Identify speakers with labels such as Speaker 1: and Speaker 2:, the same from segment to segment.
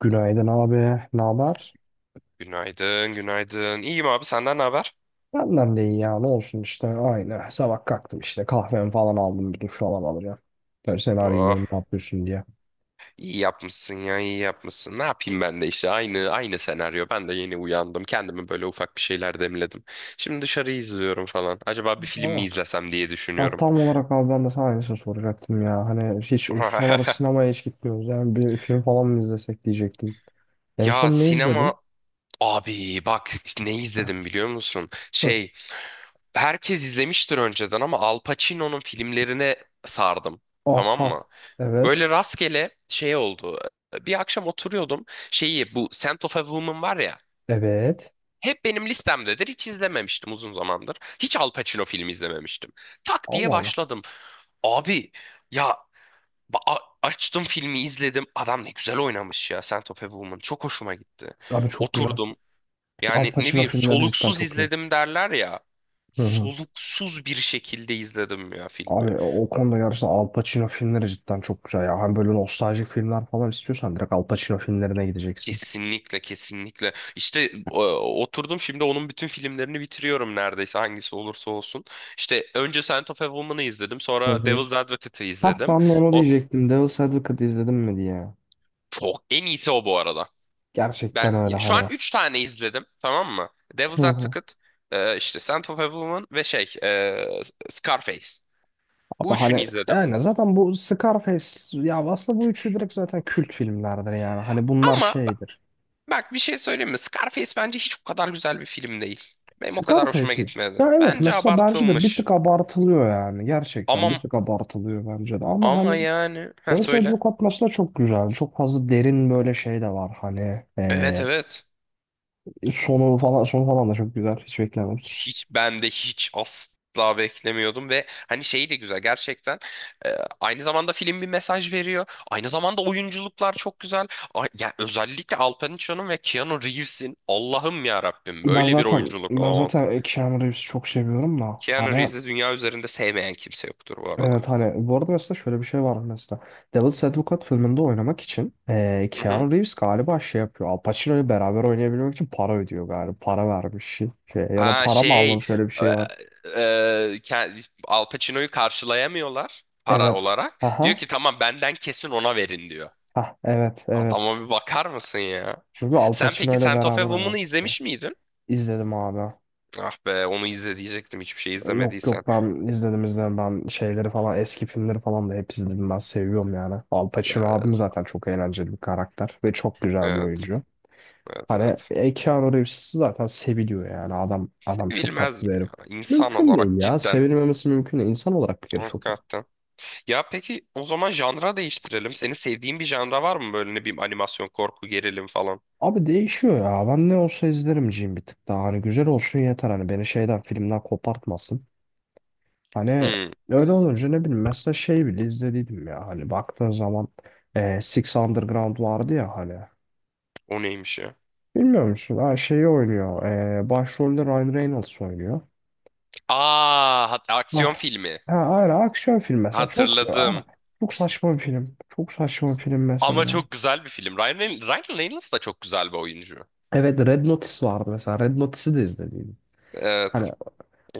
Speaker 1: Günaydın abi. Ne haber?
Speaker 2: Günaydın, günaydın. İyiyim abi, senden ne haber?
Speaker 1: Benden de iyi ya. Ne olsun işte aynı. Sabah kalktım işte kahvemi falan aldım. Bir duş falan alacağım. Tabii seni arayayım
Speaker 2: Oh,
Speaker 1: dedim ne yapıyorsun diye.
Speaker 2: iyi yapmışsın ya, iyi yapmışsın. Ne yapayım ben de işte aynı senaryo. Ben de yeni uyandım. Kendimi böyle ufak bir şeyler demledim. Şimdi dışarıyı izliyorum falan. Acaba bir film mi
Speaker 1: Aa.
Speaker 2: izlesem diye
Speaker 1: Ha,
Speaker 2: düşünüyorum.
Speaker 1: tam olarak abi ben de sana aynısını soracaktım ya. Hani hiç uçmalara sinemaya hiç gitmiyoruz. Yani bir film falan mı izlesek diyecektim. En
Speaker 2: Ya
Speaker 1: son ne
Speaker 2: sinema
Speaker 1: izledin?
Speaker 2: abi bak işte ne izledim biliyor musun?
Speaker 1: Hı.
Speaker 2: Şey, herkes izlemiştir önceden ama Al Pacino'nun filmlerine sardım. Tamam
Speaker 1: Aha.
Speaker 2: mı?
Speaker 1: Evet.
Speaker 2: Böyle rastgele şey oldu. Bir akşam oturuyordum. Şeyi bu Scent of a Woman var ya.
Speaker 1: Evet.
Speaker 2: Hep benim listemdedir. Hiç izlememiştim uzun zamandır. Hiç Al Pacino filmi izlememiştim. Tak diye
Speaker 1: Allah Allah.
Speaker 2: başladım. Abi ya açtım filmi izledim. Adam ne güzel oynamış ya Scent of a Woman. Çok hoşuma gitti.
Speaker 1: Abi çok güzel.
Speaker 2: Oturdum.
Speaker 1: Al
Speaker 2: Yani ne
Speaker 1: Pacino
Speaker 2: bileyim
Speaker 1: filmleri cidden
Speaker 2: soluksuz
Speaker 1: çok iyi.
Speaker 2: izledim derler ya.
Speaker 1: Hı hı.
Speaker 2: Soluksuz bir şekilde izledim ya filmi.
Speaker 1: Abi o konuda gerçekten Al Pacino filmleri cidden çok güzel ya. Hani böyle nostaljik filmler falan istiyorsan direkt Al Pacino filmlerine gideceksin.
Speaker 2: Kesinlikle kesinlikle. İşte oturdum şimdi onun bütün filmlerini bitiriyorum neredeyse hangisi olursa olsun. İşte önce Scent of a Woman'ı izledim,
Speaker 1: Hı
Speaker 2: sonra
Speaker 1: hı.
Speaker 2: Devil's Advocate'ı
Speaker 1: Hah
Speaker 2: izledim.
Speaker 1: ben de onu
Speaker 2: O
Speaker 1: diyecektim. Devil's Advocate izledim mi diye.
Speaker 2: çok en iyisi o bu arada. Ben
Speaker 1: Gerçekten öyle
Speaker 2: ya, şu an
Speaker 1: hani.
Speaker 2: 3 tane izledim, tamam mı?
Speaker 1: Hı
Speaker 2: Devil's
Speaker 1: hı.
Speaker 2: Advocate, işte Scent of a Woman ve şey Scarface. Bu
Speaker 1: Abi
Speaker 2: üçünü
Speaker 1: hani
Speaker 2: izledim.
Speaker 1: yani zaten bu Scarface ya aslında bu üçü direkt zaten kült filmlerdir yani. Hani bunlar
Speaker 2: Ama bak
Speaker 1: şeydir.
Speaker 2: bak bir şey söyleyeyim mi? Scarface bence hiç o kadar güzel bir film değil. Benim o kadar hoşuma
Speaker 1: Scarface mi?
Speaker 2: gitmedi.
Speaker 1: Ya evet
Speaker 2: Bence
Speaker 1: mesela bence de bir tık
Speaker 2: abartılmış.
Speaker 1: abartılıyor yani. Gerçekten bir
Speaker 2: Ama
Speaker 1: tık abartılıyor bence de. Ama
Speaker 2: Ama
Speaker 1: hani
Speaker 2: yani ha
Speaker 1: Devil's
Speaker 2: söyle.
Speaker 1: Advocate mesela çok güzel. Çok fazla derin böyle şey de var hani.
Speaker 2: Evet evet.
Speaker 1: Sonu falan sonu falan da çok güzel. Hiç beklemedik.
Speaker 2: Hiç ben de hiç asla beklemiyordum ve hani şey de güzel gerçekten. Ee, aynı zamanda film bir mesaj veriyor. Aynı zamanda oyunculuklar çok güzel. Ay, ya özellikle Al Pacino'nun ve Keanu Reeves'in Allah'ım ya Rabbim
Speaker 1: Ben
Speaker 2: böyle bir
Speaker 1: zaten
Speaker 2: oyunculuk
Speaker 1: ben
Speaker 2: olamaz.
Speaker 1: zaten Keanu Reeves'i çok seviyorum da
Speaker 2: Keanu
Speaker 1: hani
Speaker 2: Reeves'i dünya üzerinde sevmeyen kimse yoktur bu arada.
Speaker 1: evet hani bu arada mesela şöyle bir şey var mesela Devil's Advocate filminde oynamak için
Speaker 2: Hı hı.
Speaker 1: Keanu Reeves galiba şey yapıyor Al Pacino'yu beraber oynayabilmek için para ödüyor galiba para vermiş şey şey ya da
Speaker 2: Aa
Speaker 1: para mı
Speaker 2: şey
Speaker 1: almış öyle bir
Speaker 2: e,
Speaker 1: şey var
Speaker 2: Al Pacino'yu karşılayamıyorlar para
Speaker 1: evet
Speaker 2: olarak. Diyor
Speaker 1: aha
Speaker 2: ki tamam benden kesin ona verin diyor.
Speaker 1: ha evet evet
Speaker 2: Adama bir bakar mısın ya?
Speaker 1: çünkü Al
Speaker 2: Sen peki
Speaker 1: Pacino ile
Speaker 2: Scent of a
Speaker 1: beraber
Speaker 2: Woman'ı
Speaker 1: oynamak istiyor.
Speaker 2: izlemiş miydin?
Speaker 1: İzledim abi.
Speaker 2: Ah be onu izle diyecektim hiçbir şey
Speaker 1: Yok
Speaker 2: izlemediysen.
Speaker 1: yok ben izledim izledim ben şeyleri falan eski filmleri falan da hep izledim ben seviyorum yani. Al
Speaker 2: Ya
Speaker 1: Pacino abim zaten çok eğlenceli bir karakter ve çok güzel bir
Speaker 2: evet.
Speaker 1: oyuncu.
Speaker 2: Evet
Speaker 1: Hani
Speaker 2: evet.
Speaker 1: Keanu Reeves zaten seviliyor yani adam çok
Speaker 2: Sevilmez
Speaker 1: tatlı bir
Speaker 2: mi
Speaker 1: herif.
Speaker 2: ya? İnsan
Speaker 1: Mümkün değil
Speaker 2: olarak
Speaker 1: ya
Speaker 2: cidden.
Speaker 1: sevilmemesi mümkün değil insan olarak bir kere çok iyi.
Speaker 2: Hakikaten. Ya peki o zaman janra değiştirelim. Senin sevdiğin bir janra var mı böyle ne bileyim animasyon, korku, gerilim falan?
Speaker 1: Abi değişiyor ya ben ne olsa izlerim Jim bir tık daha hani güzel olsun yeter hani beni şeyden filmden kopartmasın. Hani
Speaker 2: Hmm,
Speaker 1: öyle olunca ne bileyim mesela şey bile izlediydim ya hani baktığın zaman Six Underground vardı ya hani.
Speaker 2: o neymiş ya?
Speaker 1: Bilmiyor musun? Ha, şeyi oynuyor. Başrolde Ryan Reynolds oynuyor.
Speaker 2: Aa, aksiyon
Speaker 1: Ah.
Speaker 2: filmi.
Speaker 1: Ha, aynen aksiyon film mesela çok aynen.
Speaker 2: Hatırladım.
Speaker 1: Çok saçma bir film. Çok saçma bir film
Speaker 2: Ama
Speaker 1: mesela.
Speaker 2: çok güzel bir film. Ryan Reynolds da çok güzel bir oyuncu.
Speaker 1: Evet Red Notice vardı mesela. Red Notice'i de izlediydim. Hani
Speaker 2: Evet,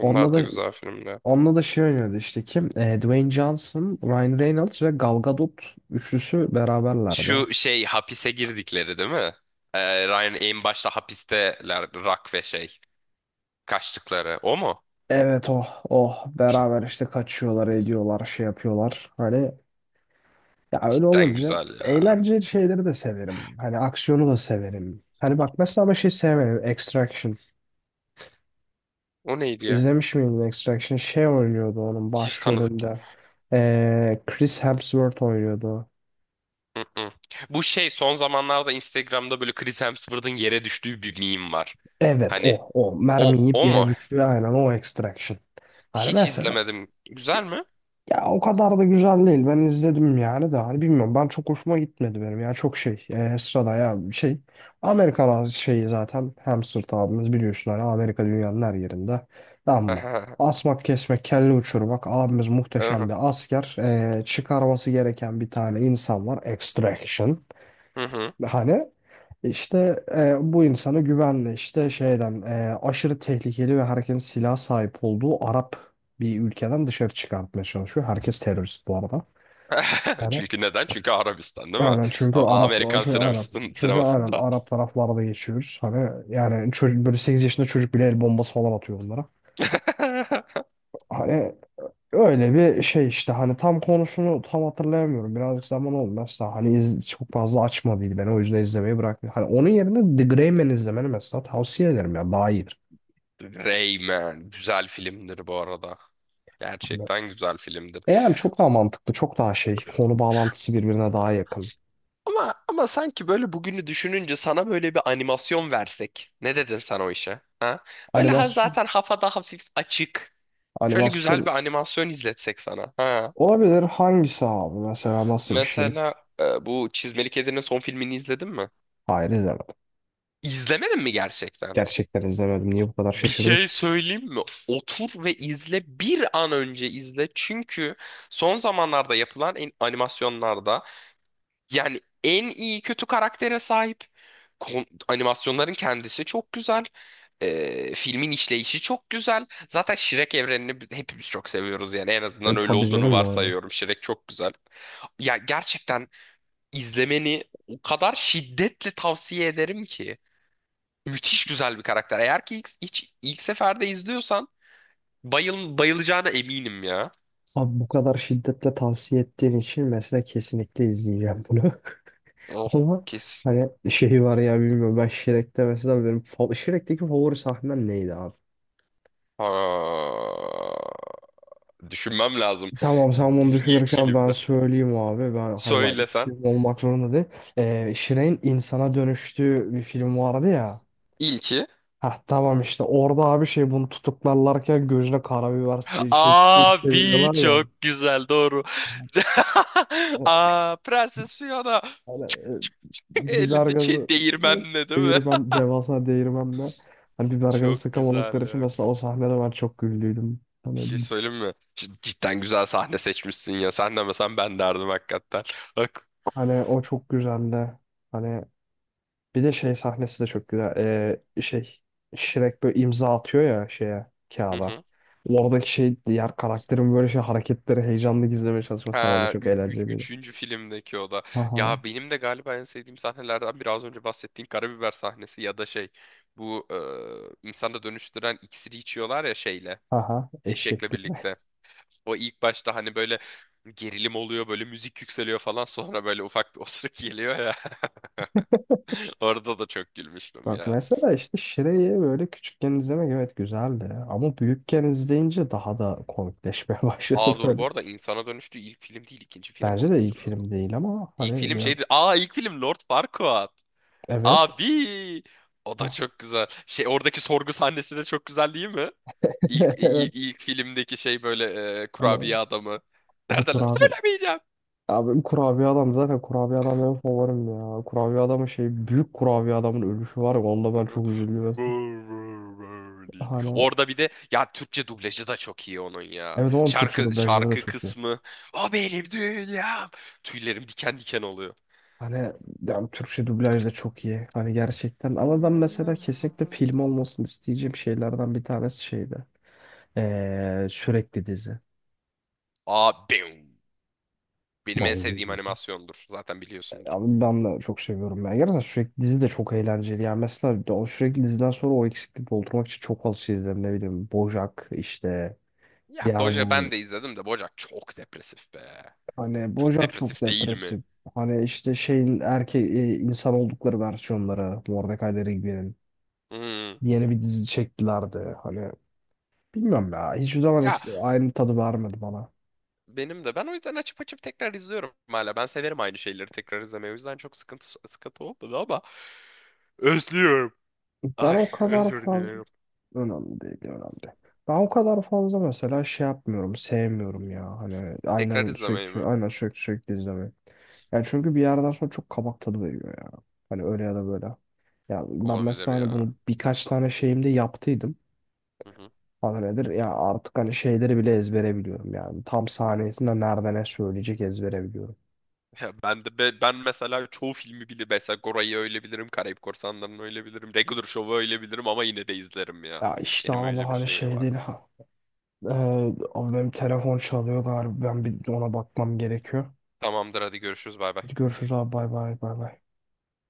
Speaker 1: onunla
Speaker 2: da
Speaker 1: da
Speaker 2: güzel filmler.
Speaker 1: onunla da şey oynuyordu işte kim? Dwayne Johnson, Ryan Reynolds ve Gal Gadot üçlüsü beraberlerdi.
Speaker 2: Şu şey hapise girdikleri değil mi? Ryan en başta hapisteler Rock ve şey kaçtıkları. O mu?
Speaker 1: Evet oh oh beraber işte kaçıyorlar ediyorlar şey yapıyorlar hani ya öyle
Speaker 2: Cidden
Speaker 1: olunca
Speaker 2: güzel ya.
Speaker 1: eğlenceli şeyleri de severim hani aksiyonu da severim hani bak mesela ama şey sevmedim Extraction
Speaker 2: O neydi ya?
Speaker 1: izlemiş miydin Extraction şey oynuyordu onun
Speaker 2: Hiç tanıdık ya.
Speaker 1: başrolünde. Chris Hemsworth oynuyordu
Speaker 2: Mm-mm. Bu şey son zamanlarda Instagram'da böyle Chris Hemsworth'ın yere düştüğü bir meme var.
Speaker 1: evet
Speaker 2: Hani
Speaker 1: o mermi
Speaker 2: o
Speaker 1: yiyip
Speaker 2: o
Speaker 1: yere
Speaker 2: mu?
Speaker 1: düştü aynen o Extraction hani
Speaker 2: Hiç
Speaker 1: mesela.
Speaker 2: izlemedim. Güzel mi?
Speaker 1: Ya o kadar da güzel değil. Ben izledim yani de hani bilmiyorum. Ben çok hoşuma gitmedi benim. Ya çok şey sırada ya bir şey. Amerikan şeyi zaten hamster abimiz biliyorsun hani Amerika dünyanın her yerinde. Ama
Speaker 2: Aha,
Speaker 1: asmak kesmek kelle uçurmak abimiz
Speaker 2: aha,
Speaker 1: muhteşem bir asker. Çıkarması gereken bir tane insan var. Extraction.
Speaker 2: hı hı.
Speaker 1: Hani işte bu insana güvenle işte şeyden aşırı tehlikeli ve herkesin silah sahip olduğu Arap bir ülkeden dışarı çıkartmaya çalışıyor. Herkes terörist bu arada. Hani
Speaker 2: Çünkü neden? Çünkü Arabistan değil mi?
Speaker 1: aynen çünkü Arap
Speaker 2: Amerikan
Speaker 1: çünkü aynen çünkü aynen
Speaker 2: sinemasında.
Speaker 1: Arap taraflarda geçiyoruz. Hani yani çocuk böyle 8 yaşında çocuk bile el bombası falan atıyor onlara. Hani öyle bir şey işte hani tam konusunu tam hatırlayamıyorum. Birazcık zaman olmaz da hani iz, çok fazla açmadıydı ben o yüzden izlemeyi bıraktım. Hani onun yerine The Gray Man izlemeni mesela tavsiye ederim ya daha iyidir.
Speaker 2: Rayman güzel filmdir bu arada.
Speaker 1: Hani,
Speaker 2: Gerçekten güzel filmdir.
Speaker 1: yani çok daha mantıklı çok daha şey konu bağlantısı birbirine daha yakın.
Speaker 2: Ama sanki böyle bugünü düşününce sana böyle bir animasyon versek. Ne dedin sen o işe? Ha? Böyle ha
Speaker 1: Animasyon,
Speaker 2: zaten hafada hafif açık. Şöyle güzel
Speaker 1: animasyon
Speaker 2: bir animasyon izletsek sana. Ha.
Speaker 1: olabilir hangisi abi mesela nasıl bir şey?
Speaker 2: Mesela bu Çizmeli Kedi'nin son filmini izledin mi?
Speaker 1: Hayır izlemedim.
Speaker 2: İzlemedin mi gerçekten?
Speaker 1: Gerçekten izlemedim. Niye bu kadar
Speaker 2: Bir
Speaker 1: şaşırdık?
Speaker 2: şey söyleyeyim mi? Otur ve izle bir an önce izle. Çünkü son zamanlarda yapılan animasyonlarda yani en iyi kötü karaktere sahip. Animasyonların kendisi çok güzel. Filmin işleyişi çok güzel. Zaten Shrek evrenini hepimiz çok seviyoruz yani en
Speaker 1: E
Speaker 2: azından öyle
Speaker 1: tabii
Speaker 2: olduğunu
Speaker 1: canım yani.
Speaker 2: varsayıyorum. Shrek çok güzel. Ya gerçekten izlemeni o kadar şiddetle tavsiye ederim ki. Müthiş güzel bir karakter. Eğer ki ilk seferde izliyorsan bayılacağına eminim ya.
Speaker 1: Abi bu kadar şiddetle tavsiye ettiğin için mesela kesinlikle izleyeceğim bunu.
Speaker 2: Of
Speaker 1: Ama
Speaker 2: kes.
Speaker 1: hani şeyi var ya bilmiyorum ben Shrek'te mesela benim Shrek'teki favori sahnem neydi abi?
Speaker 2: Ha, düşünmem lazım.
Speaker 1: Tamam sen bunu
Speaker 2: İlk
Speaker 1: düşünürken ben
Speaker 2: filmde.
Speaker 1: söyleyeyim abi. Ben hani bak ilk
Speaker 2: Söylesen.
Speaker 1: film olmak zorunda değil. Shrek'in insana dönüştüğü bir film vardı ya.
Speaker 2: İlki.
Speaker 1: Heh tamam işte orada abi şey bunu tutuklarlarken gözüne karabiber şey
Speaker 2: Abi
Speaker 1: çeviriyorlar ya.
Speaker 2: çok güzel doğru.
Speaker 1: Hani,
Speaker 2: Aa Prenses Fiona.
Speaker 1: hani, e, Biber
Speaker 2: Elinde
Speaker 1: gazı
Speaker 2: şey
Speaker 1: hani
Speaker 2: değirmenle değil mi?
Speaker 1: değirmen devasa değirmenle hani biber gazı
Speaker 2: Çok
Speaker 1: sıkamadıkları
Speaker 2: güzel
Speaker 1: için
Speaker 2: ya.
Speaker 1: mesela o sahnede ben çok güldüydüm.
Speaker 2: Bir
Speaker 1: Hani
Speaker 2: şey söyleyeyim mi? Cidden güzel sahne seçmişsin ya. Sen demesen ben derdim hakikaten. Bak.
Speaker 1: hani o çok güzeldi. Hani bir de şey sahnesi de çok güzel. Şey Shrek böyle imza atıyor ya şeye
Speaker 2: Hı
Speaker 1: kağıda.
Speaker 2: hı.
Speaker 1: Oradaki şey diğer karakterin böyle şey hareketleri heyecanlı gizlemeye çalışması falan da
Speaker 2: Ha,
Speaker 1: çok eğlenceliydi.
Speaker 2: üçüncü filmdeki o da.
Speaker 1: Haha
Speaker 2: Ya benim de galiba en sevdiğim sahnelerden biraz önce bahsettiğin karabiber sahnesi ya da şey. Bu insana dönüştüren iksiri içiyorlar ya şeyle.
Speaker 1: haha
Speaker 2: Eşekle
Speaker 1: eşeklik.
Speaker 2: birlikte. O ilk başta hani böyle gerilim oluyor, böyle müzik yükseliyor falan sonra böyle ufak bir osuruk geliyor ya. Orada da çok gülmüştüm
Speaker 1: Bak
Speaker 2: ya.
Speaker 1: mesela işte Shrek'i böyle küçükken izlemek evet güzeldi. Ama büyükken izleyince daha da komikleşmeye başladı
Speaker 2: Aa dur bu
Speaker 1: böyle.
Speaker 2: arada insana dönüştüğü ilk film değil ikinci film
Speaker 1: Bence de ilk
Speaker 2: olması lazım.
Speaker 1: film değil ama
Speaker 2: İlk
Speaker 1: hani
Speaker 2: film
Speaker 1: ya,
Speaker 2: şeydi. Aa ilk film Lord Farquaad.
Speaker 1: evet.
Speaker 2: Abi o da
Speaker 1: Ha,
Speaker 2: çok güzel. Şey oradaki sorgu sahnesi de çok güzel değil mi?
Speaker 1: evet.
Speaker 2: İlk filmdeki şey böyle
Speaker 1: Hani,
Speaker 2: kurabiye adamı.
Speaker 1: ha, bu
Speaker 2: Neredeler?
Speaker 1: kurabiye. Abi kurabiye adam zaten kurabiye adam benim favorim ya. Kurabiye adamın şey büyük kurabiye adamın ölüşü var ya onda ben
Speaker 2: Brr,
Speaker 1: çok üzülüyorum.
Speaker 2: brr deyip.
Speaker 1: Hani
Speaker 2: Orada bir de ya Türkçe dublajı da çok iyi onun ya.
Speaker 1: evet onun Türkçe dublajları da
Speaker 2: Şarkı
Speaker 1: çok iyi.
Speaker 2: kısmı. O benim dünyam. Tüylerim diken diken oluyor.
Speaker 1: Hani yani Türkçe dublaj da çok iyi. Hani gerçekten ama ben mesela kesinlikle film olmasını isteyeceğim şeylerden bir tanesi şeydi. Sürekli dizi.
Speaker 2: Aa bim. Benim en sevdiğim
Speaker 1: Vallahi.
Speaker 2: animasyondur. Zaten biliyorsundur.
Speaker 1: Abi ben de çok seviyorum ya. Gerçekten sürekli dizi de çok eğlenceli. Yani mesela o sürekli diziden sonra o eksikliği doldurmak için çok az şey izledim. Ne bileyim BoJack işte
Speaker 2: Ya
Speaker 1: diğer
Speaker 2: Boja
Speaker 1: bu
Speaker 2: ben de izledim de Bojack çok depresif be.
Speaker 1: hani
Speaker 2: Çok
Speaker 1: Bojack çok
Speaker 2: depresif değil mi?
Speaker 1: depresif. Hani işte şeyin insan oldukları versiyonları Mordecai Rigby'nin
Speaker 2: Hmm.
Speaker 1: yeni bir dizi çektilerdi. Hani bilmiyorum ya hiçbir zaman
Speaker 2: Ya
Speaker 1: aynı tadı vermedi bana.
Speaker 2: benim de ben o yüzden açıp açıp tekrar izliyorum hala. Ben severim aynı şeyleri tekrar izlemeyi. O yüzden çok sıkıntı olmadı ama özlüyorum.
Speaker 1: Ben
Speaker 2: Ay
Speaker 1: o kadar
Speaker 2: özür
Speaker 1: fazla
Speaker 2: dilerim.
Speaker 1: önemli değil önemli değil. Ben o kadar fazla mesela şey yapmıyorum sevmiyorum ya hani
Speaker 2: Tekrar
Speaker 1: aynen sürekli
Speaker 2: izlemeyi
Speaker 1: sürekli
Speaker 2: mi?
Speaker 1: aynen sürekli sürekli izlemeyi. Yani çünkü bir yerden sonra çok kabak tadı veriyor ya. Hani öyle ya da böyle. Ya ben
Speaker 2: Olabilir
Speaker 1: mesela hani
Speaker 2: ya.
Speaker 1: bunu birkaç tane şeyimde yaptıydım.
Speaker 2: Hı hı.
Speaker 1: Adı nedir? Ya artık hani şeyleri bile ezbere biliyorum yani. Tam sahnesinde nerede ne söyleyecek ezbere biliyorum.
Speaker 2: Ya ben mesela çoğu filmi bile mesela Gora'yı öyle bilirim, Karayip Korsanları'nı öyle bilirim, Regular Show'u öyle bilirim ama yine de izlerim ya.
Speaker 1: Ya işte
Speaker 2: Benim
Speaker 1: abi
Speaker 2: öyle bir
Speaker 1: hani
Speaker 2: şeyim
Speaker 1: şey
Speaker 2: var.
Speaker 1: değil ha. Ee, Abi benim telefon çalıyor galiba. Ben bir ona bakmam gerekiyor.
Speaker 2: Tamamdır hadi görüşürüz bay bay.
Speaker 1: Hadi görüşürüz abi bay bay bay bay.